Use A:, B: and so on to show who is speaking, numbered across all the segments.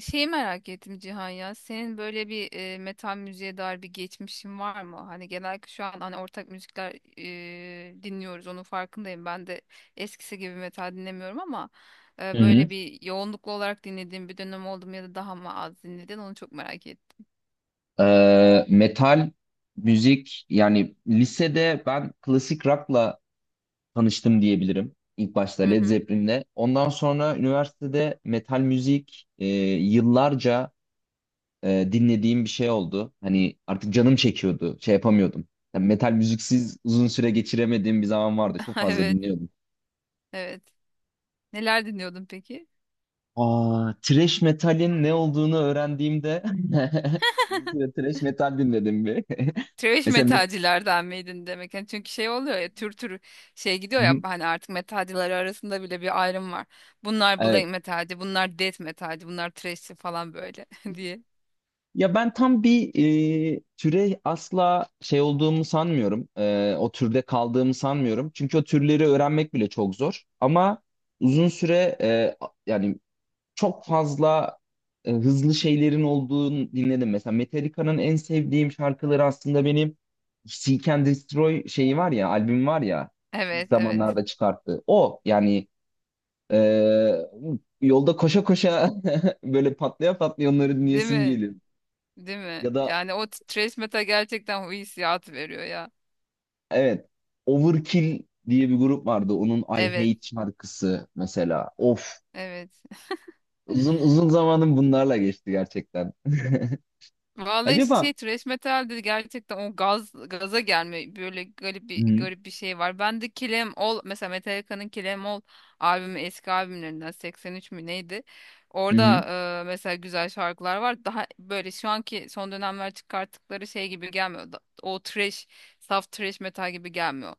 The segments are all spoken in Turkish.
A: Şeyi merak ettim Cihan ya. Senin böyle bir metal müziğe dair bir geçmişin var mı? Hani genellikle şu an hani ortak müzikler dinliyoruz. Onun farkındayım. Ben de eskisi gibi metal dinlemiyorum ama
B: Hı hı.
A: böyle bir yoğunluklu olarak dinlediğim bir dönem oldu mu ya da daha mı az dinledin? Onu çok merak ettim.
B: Metal müzik, yani lisede ben klasik rock'la tanıştım diyebilirim. İlk başta
A: Hı
B: Led
A: hı.
B: Zeppelin'le. Ondan sonra üniversitede metal müzik yıllarca dinlediğim bir şey oldu. Hani artık canım çekiyordu. Şey yapamıyordum. Yani metal müziksiz uzun süre geçiremediğim bir zaman vardı. Çok fazla
A: Evet,
B: dinliyordum.
A: evet. Neler dinliyordun peki?
B: Aa, thrash metalin ne olduğunu öğrendiğimde uzun süre thrash metal dinledim bir.
A: Trash
B: Mesela met-
A: metalcilerden miydin demek? Yani çünkü şey oluyor ya, tür tür şey
B: Hı
A: gidiyor ya
B: hı.
A: hani, artık metalcileri arasında bile bir ayrım var. Bunlar
B: Evet.
A: black metalci, bunlar death metalci, bunlar thrashçi falan böyle diye.
B: Ya ben tam bir türe asla şey olduğumu sanmıyorum. O türde kaldığımı sanmıyorum. Çünkü o türleri öğrenmek bile çok zor. Ama uzun süre yani çok fazla hızlı şeylerin olduğunu dinledim. Mesela Metallica'nın en sevdiğim şarkıları aslında benim Seek and Destroy şeyi var ya, albüm var ya ilk Evet.
A: Evet, evet.
B: zamanlarda çıkarttı. O yani e, yolda koşa koşa böyle patlaya patlaya onları
A: Değil
B: dinleyesim
A: mi?
B: geliyor.
A: Değil mi?
B: Ya da
A: Yani o thrash metal gerçekten o hissiyatı veriyor ya.
B: Evet. Overkill diye bir grup vardı. Onun I
A: Evet.
B: Hate şarkısı mesela. Of.
A: Evet.
B: Uzun uzun zamanım bunlarla geçti gerçekten.
A: Vallahi
B: Acaba
A: şey trash metal dedi gerçekten, o gaz gaza gelme böyle garip
B: Hı
A: bir
B: hı.
A: garip bir şey var. Ben de Kill 'Em, mesela Metallica'nın Kill 'Em albümü eski albümlerinden 83 mü neydi? Orada
B: hı.
A: mesela güzel şarkılar var. Daha böyle şu anki son dönemler çıkarttıkları şey gibi gelmiyor. O trash, saf trash metal gibi gelmiyor.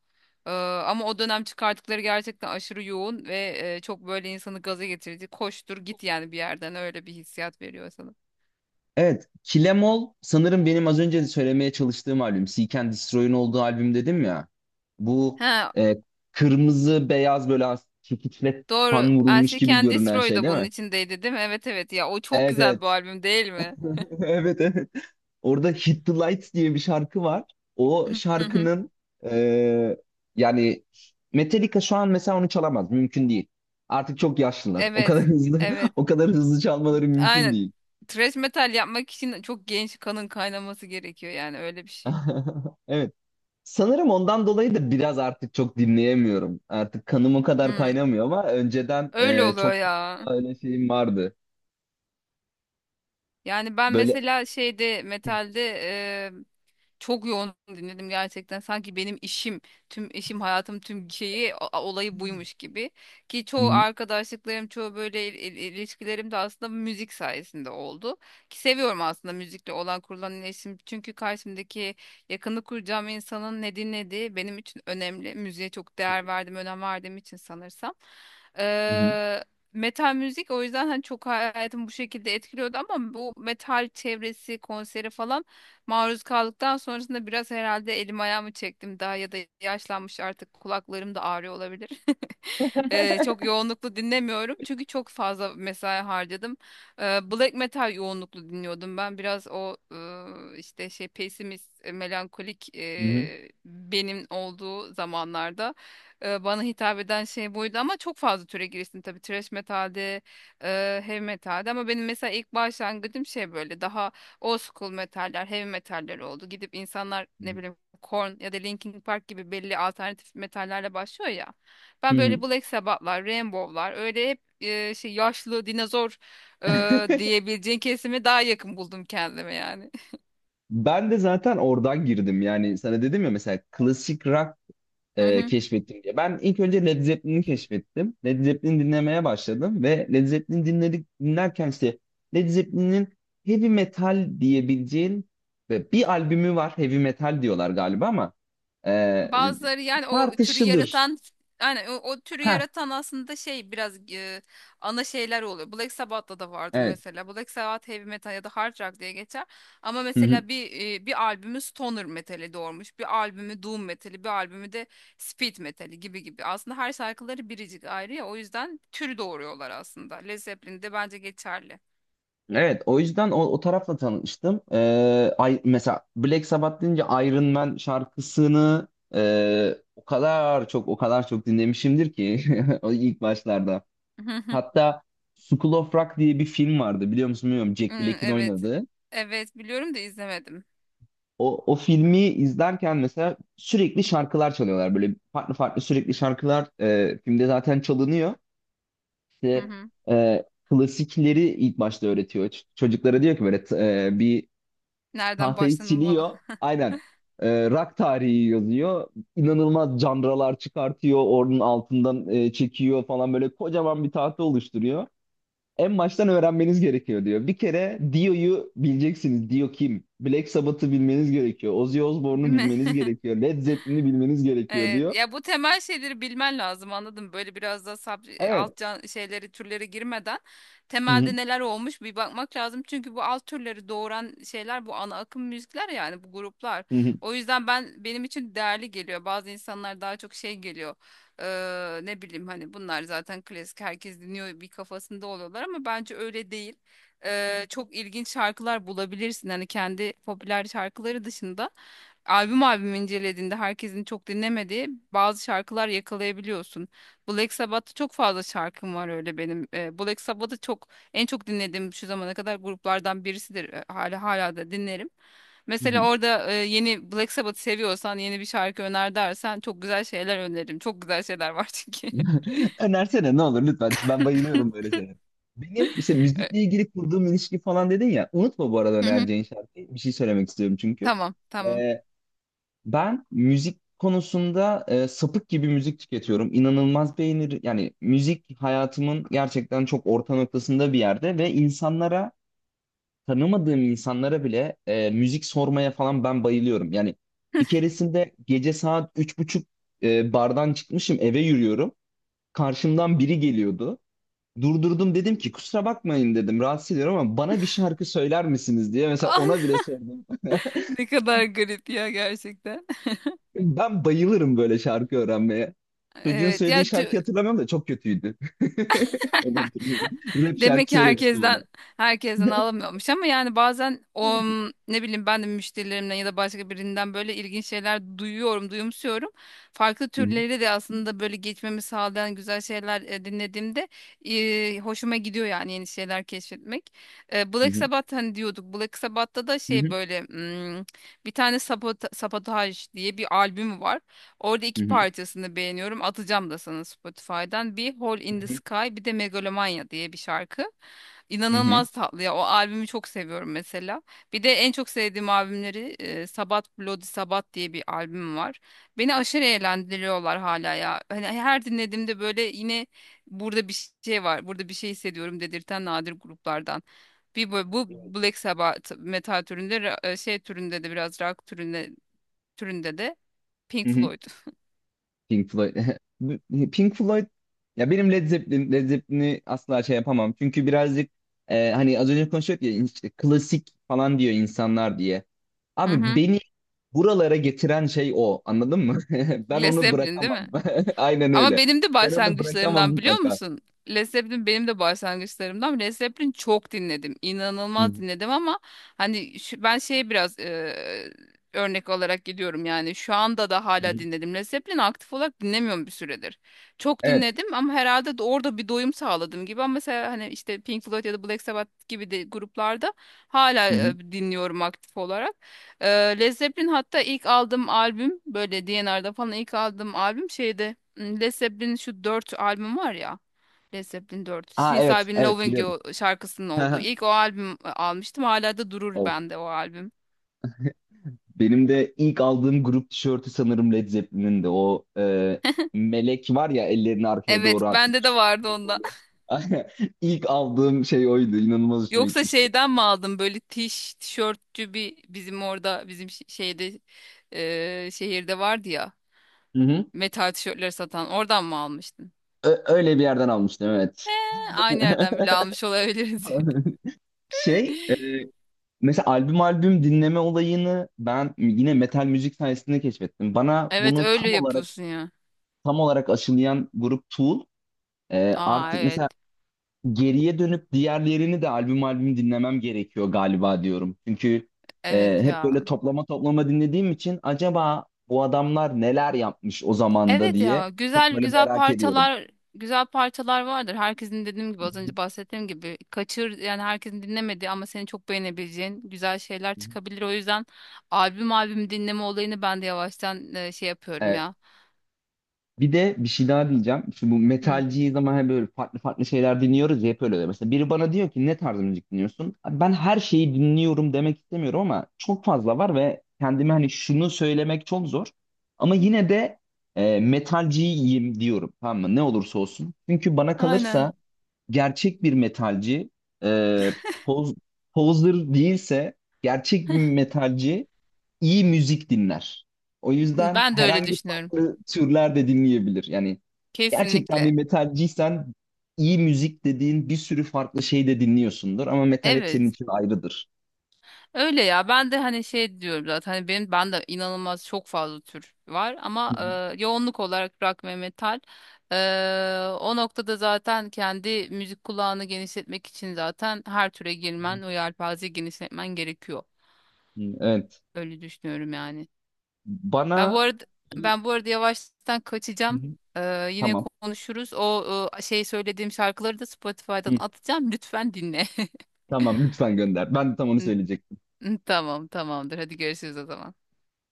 A: E, Ama o dönem çıkarttıkları gerçekten aşırı yoğun ve çok böyle insanı gaza getirici. Koştur git yani, bir yerden öyle bir hissiyat veriyor sana.
B: Evet. Kilemol sanırım benim az önce de söylemeye çalıştığım albüm. Seek and Destroy'un olduğu albüm dedim ya. Bu
A: He.
B: e, kırmızı beyaz böyle as- çekiçle
A: Doğru.
B: kan vurulmuş
A: I
B: gibi
A: Can
B: görünen
A: Destroy
B: şey
A: da
B: değil
A: bunun
B: mi?
A: içindeydi değil mi? Evet, evet ya, o çok
B: Evet
A: güzel bir
B: evet.
A: albüm değil mi?
B: Evet evet. Orada Hit the Lights diye bir şarkı var. O
A: Hı hı.
B: şarkının e, yani Metallica şu an mesela onu çalamaz. Mümkün değil. Artık çok yaşlılar. O kadar
A: Evet.
B: hızlı
A: Evet.
B: o kadar hızlı çalmaları mümkün
A: Aynen.
B: değil.
A: Thrash metal yapmak için çok genç kanın kaynaması gerekiyor yani, öyle bir şey.
B: Evet. Sanırım ondan dolayı da biraz artık çok dinleyemiyorum. Artık kanım o kadar
A: Hı.
B: kaynamıyor ama önceden
A: Öyle oluyor
B: çok
A: ya.
B: fazla öyle şeyim vardı.
A: Yani ben
B: Böyle
A: mesela şeyde,
B: Hı
A: metalde çok yoğun dinledim gerçekten. Sanki benim işim, tüm işim, hayatım, tüm şeyi, olayı buymuş gibi. Ki çoğu
B: hı,
A: arkadaşlıklarım, çoğu böyle ilişkilerim de aslında müzik sayesinde oldu. Ki seviyorum aslında müzikle olan kurulan iletişim. Çünkü karşımdaki yakını kuracağım insanın ne dinlediği benim için önemli. Müziğe çok değer verdim, önem verdiğim için sanırsam.
B: hı hı,
A: Eee Metal müzik o yüzden hani çok hayatımı bu şekilde etkiliyordu, ama bu metal çevresi konseri falan maruz kaldıktan sonrasında biraz herhalde elim ayağımı çektim daha, ya da yaşlanmış artık kulaklarım da ağrıyor olabilir. Çok yoğunluklu dinlemiyorum çünkü çok fazla mesai harcadım. Black metal yoğunluklu dinliyordum ben. Biraz o işte şey pesimist, melankolik
B: hı
A: benim olduğu zamanlarda bana hitap eden şey buydu, ama çok fazla türe giriştim tabii. Thrash metalde, heavy metalde, ama benim mesela ilk başlangıcım şey böyle daha old school metaller, heavy metaller oldu. Gidip insanlar
B: hı,
A: ne bileyim Korn ya da Linkin Park gibi belli alternatif metallerle başlıyor ya.
B: hı
A: Ben
B: hı.
A: böyle Black Sabbath'lar, Rainbow'lar öyle hep şey yaşlı dinozor diyebileceğin kesime daha yakın buldum kendime yani.
B: Ben de zaten oradan girdim. Yani sana dedim ya mesela klasik rock
A: Hı hı.
B: keşfettim diye. Ben ilk önce Led Zeppelin'i keşfettim. Led Zeppelin dinlemeye başladım ve Led Zeppelin dinledik dinlerken işte Led Zeppelin'in heavy metal diyebileceğin ve bir albümü var heavy metal diyorlar galiba ama e, e,
A: Bazıları yani o türü
B: tartışılır.
A: yaratan, yani o türü
B: Ha
A: yaratan aslında şey biraz ana şeyler oluyor. Black Sabbath'ta da vardır
B: evet.
A: mesela. Black Sabbath heavy metal ya da hard rock diye geçer. Ama mesela bir albümü stoner metali doğurmuş, bir albümü doom metali, bir albümü de speed metali gibi gibi. Aslında her şarkıları biricik ayrı ya, o yüzden tür doğuruyorlar aslında. Led Zeppelin de bence geçerli.
B: Evet, o yüzden o, o tarafla tanıştım. Ay, mesela Black Sabbath deyince Iron Man şarkısını o kadar çok o kadar çok dinlemişimdir ki o ilk başlarda.
A: Hı, hı.
B: Hatta School of Rock diye bir film vardı biliyor musun bilmiyorum
A: Hı.
B: Jack Black'in
A: Evet.
B: oynadığı.
A: Evet, biliyorum da izlemedim.
B: O, o filmi izlerken mesela sürekli şarkılar çalıyorlar böyle farklı farklı sürekli şarkılar filmde zaten çalınıyor.
A: Hı
B: İşte
A: hı.
B: klasikleri ilk başta öğretiyor. Ç- Çocuklara diyor ki böyle t- bir
A: Nereden
B: Tahtayı
A: başlanılmalı?
B: siliyor. Aynen. Rock tarihi yazıyor. İnanılmaz canralar çıkartıyor. Onun altından çekiyor falan böyle kocaman bir tahta oluşturuyor. En baştan öğrenmeniz gerekiyor diyor. Bir kere Dio'yu bileceksiniz. Dio kim? Black Sabbath'ı bilmeniz gerekiyor. Ozzy Osbourne'u
A: Değil mi?
B: bilmeniz gerekiyor. Led Zeppelin'i bilmeniz gerekiyor
A: Evet,
B: diyor.
A: ya bu temel şeyleri bilmen lazım anladım. Böyle biraz da sab
B: Evet.
A: alt can şeyleri türleri girmeden
B: Hı hı,
A: temelde neler olmuş bir bakmak lazım. Çünkü bu alt türleri doğuran şeyler bu ana akım müzikler, yani bu gruplar.
B: hı hı,
A: O yüzden benim için değerli geliyor. Bazı insanlar daha çok şey geliyor. Ne bileyim hani bunlar zaten klasik, herkes dinliyor, bir kafasında oluyorlar ama bence öyle değil. Çok ilginç şarkılar bulabilirsin hani, kendi popüler şarkıları dışında albüm albüm incelediğinde herkesin çok dinlemediği bazı şarkılar yakalayabiliyorsun. Black Sabbath'ta çok fazla şarkım var öyle benim. Black Sabbath'ı en çok dinlediğim şu zamana kadar gruplardan birisidir. Hala da dinlerim.
B: hı hı.
A: Mesela orada yeni Black Sabbath seviyorsan yeni bir şarkı öner dersen çok güzel şeyler öneririm. Çok güzel şeyler var çünkü.
B: Önersene ne olur lütfen. Ben bayılıyorum böyle şeylere. Benim işte
A: Ee,
B: müzikle ilgili kurduğum ilişki falan dedin ya. Unutma bu arada
A: hı hı.
B: önereceğin şarkıyı. Bir şey söylemek istiyorum çünkü.
A: Tamam, tamam.
B: Ee, ben müzik konusunda sapık gibi müzik tüketiyorum. İnanılmaz beğenir. Yani müzik hayatımın gerçekten çok orta noktasında bir yerde ve insanlara tanımadığım insanlara bile müzik sormaya falan ben bayılıyorum. Yani bir keresinde gece saat üç buçuk bardan çıkmışım eve yürüyorum. Karşımdan biri geliyordu. Durdurdum dedim ki kusura bakmayın dedim rahatsız ediyorum ama bana bir şarkı söyler misiniz diye mesela ona bile sordum.
A: Ne kadar garip ya gerçekten.
B: Ben bayılırım böyle şarkı öğrenmeye. Çocuğun
A: Evet
B: söylediği
A: ya.
B: şarkıyı hatırlamıyorum da çok kötüydü. Onu hatırlıyorum. Rap
A: Demek
B: şarkı
A: ki
B: söylemişti bana.
A: herkesten alamıyormuş, ama yani bazen
B: Hı
A: o, ne bileyim, ben de müşterilerimden ya da başka birinden böyle ilginç şeyler duyuyorum, duyumsuyorum. Farklı
B: hı,
A: türleri de aslında böyle geçmemi sağlayan güzel şeyler dinlediğimde hoşuma gidiyor yani, yeni şeyler keşfetmek.
B: hı
A: Black
B: hı,
A: Sabbath hani diyorduk. Black Sabbath'ta da
B: hı
A: şey
B: hı,
A: böyle bir tane Sabotage diye bir albüm var. Orada
B: hı
A: iki
B: hı,
A: parçasını beğeniyorum. Atacağım da sana Spotify'dan. Bir Hole
B: hı
A: in the
B: hı,
A: Sky, bir de Megalomania diye bir şarkı.
B: hı hı,
A: İnanılmaz tatlı ya. O albümü çok seviyorum mesela. Bir de en çok sevdiğim albümleri Sabat Bloody Sabat diye bir albüm var. Beni aşırı eğlendiriyorlar hala ya. Hani her dinlediğimde böyle yine burada bir şey var. Burada bir şey hissediyorum dedirten nadir gruplardan. Bir bu Black Sabbath metal türünde şey türünde de biraz rock türünde de Pink
B: hı hı.
A: Floyd.
B: Pink Floyd. Bu- Pink Floyd ya benim Led Zeppelin, Led Zeppelin'i asla şey yapamam. Çünkü birazcık hani az önce konuşuyorduk ya işte klasik falan diyor insanlar diye.
A: Hı
B: Abi
A: hı.
B: beni buralara getiren şey o. Anladın mı? Ben
A: Led
B: onu
A: Zeppelin değil
B: bırakamam.
A: mi?
B: Aynen
A: Ama
B: öyle.
A: benim de
B: Ben onu bırakamam
A: başlangıçlarımdan, biliyor
B: mutlaka.
A: musun? Led Zeppelin benim de başlangıçlarımdan. Led Zeppelin çok dinledim.
B: Hı
A: İnanılmaz
B: hı.
A: dinledim ama hani ben şeye biraz örnek olarak gidiyorum, yani şu anda da
B: Hı
A: hala
B: hı.
A: dinledim. Led Zeppelin aktif olarak dinlemiyorum bir süredir. Çok
B: Evet.
A: dinledim ama herhalde de orada bir doyum sağladım gibi, ama mesela hani işte Pink Floyd ya da Black Sabbath gibi de gruplarda hala
B: Hı hı.
A: dinliyorum aktif olarak. Led Zeppelin hatta ilk aldığım albüm böyle D&R'da falan ilk aldığım albüm şeyde Led Zeppelin şu 4 albüm var ya. Led Zeppelin 4.
B: Aa
A: Since I've
B: evet,
A: Been
B: evet
A: Loving
B: biliyorum.
A: You şarkısının olduğu. İlk o albüm almıştım. Hala da durur
B: Of.
A: bende o albüm.
B: Benim de ilk aldığım grup tişörtü sanırım Led Zeppelin'in de o melek var ya ellerini arkaya
A: Evet,
B: doğru
A: bende de
B: atmış.
A: vardı onda.
B: Sembolü. İlk aldığım şey oydu. İnanılmaz hoşuma
A: Yoksa
B: gitmişti.
A: şeyden mi aldım böyle tişörtçü bir bizim orada, bizim şeyde, şehirde vardı ya
B: Hı hı.
A: metal tişörtleri satan, oradan mı almıştın?
B: Ö- öyle bir yerden almıştım evet.
A: He, aynı yerden bile almış olabiliriz.
B: Şey mesela albüm albüm dinleme olayını ben yine metal müzik sayesinde keşfettim. Bana
A: Evet,
B: bunu
A: öyle
B: tam olarak
A: yapıyorsun ya.
B: tam olarak aşılayan grup Tool.
A: Aa,
B: Artık
A: evet.
B: mesela geriye dönüp diğerlerini de albüm albüm dinlemem gerekiyor galiba diyorum. Çünkü
A: Evet
B: hep böyle
A: ya.
B: toplama toplama dinlediğim için acaba bu adamlar neler yapmış o zamanda
A: Evet
B: diye
A: ya.
B: çok
A: Güzel
B: böyle
A: güzel
B: merak ediyorum.
A: parçalar, güzel parçalar vardır. Herkesin dediğim gibi, az önce bahsettiğim gibi kaçır yani, herkesin dinlemediği ama senin çok beğenebileceğin güzel şeyler çıkabilir. O yüzden albüm albüm dinleme olayını ben de yavaştan şey yapıyorum
B: Evet.
A: ya.
B: Bir de bir şey daha diyeceğim. Şu bu
A: Hı.
B: metalciyi zaman hep böyle farklı farklı şeyler dinliyoruz ya hep öyle oluyor. Mesela biri bana diyor ki ne tarz müzik dinliyorsun? Abi ben her şeyi dinliyorum demek istemiyorum ama çok fazla var ve kendime hani şunu söylemek çok zor. Ama yine de metalciyim diyorum tamam mı? Ne olursa olsun. Çünkü bana kalırsa
A: Aynen.
B: gerçek bir metalci e, poz, poser değilse gerçek bir metalci iyi müzik dinler. O yüzden
A: Ben de öyle
B: herhangi
A: düşünüyorum.
B: farklı türler de dinleyebilir. Yani gerçekten bir
A: Kesinlikle.
B: metalciysen iyi müzik dediğin bir sürü farklı şey de dinliyorsundur ama metal hep senin
A: Evet.
B: için ayrıdır.
A: Öyle ya, ben de hani şey diyorum zaten hani ben de inanılmaz, çok fazla tür var
B: Hı
A: ama
B: hı,
A: yoğunluk olarak rock ve metal. E, O noktada zaten kendi müzik kulağını genişletmek için zaten her türe
B: hı
A: girmen, o yelpazeyi genişletmen gerekiyor.
B: hı. Evet.
A: Öyle düşünüyorum yani. Ben bu
B: Bana
A: arada
B: Hı
A: ben bu arada yavaştan
B: hı.
A: kaçacağım. Yine
B: tamam.
A: konuşuruz. O şey söylediğim şarkıları da Spotify'dan
B: Hı,
A: atacağım. Lütfen dinle.
B: tamam lütfen gönder. Ben de tam onu söyleyecektim.
A: Tamam, tamamdır. Hadi görüşürüz o zaman.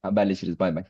B: Haberleşiriz. Bay bay.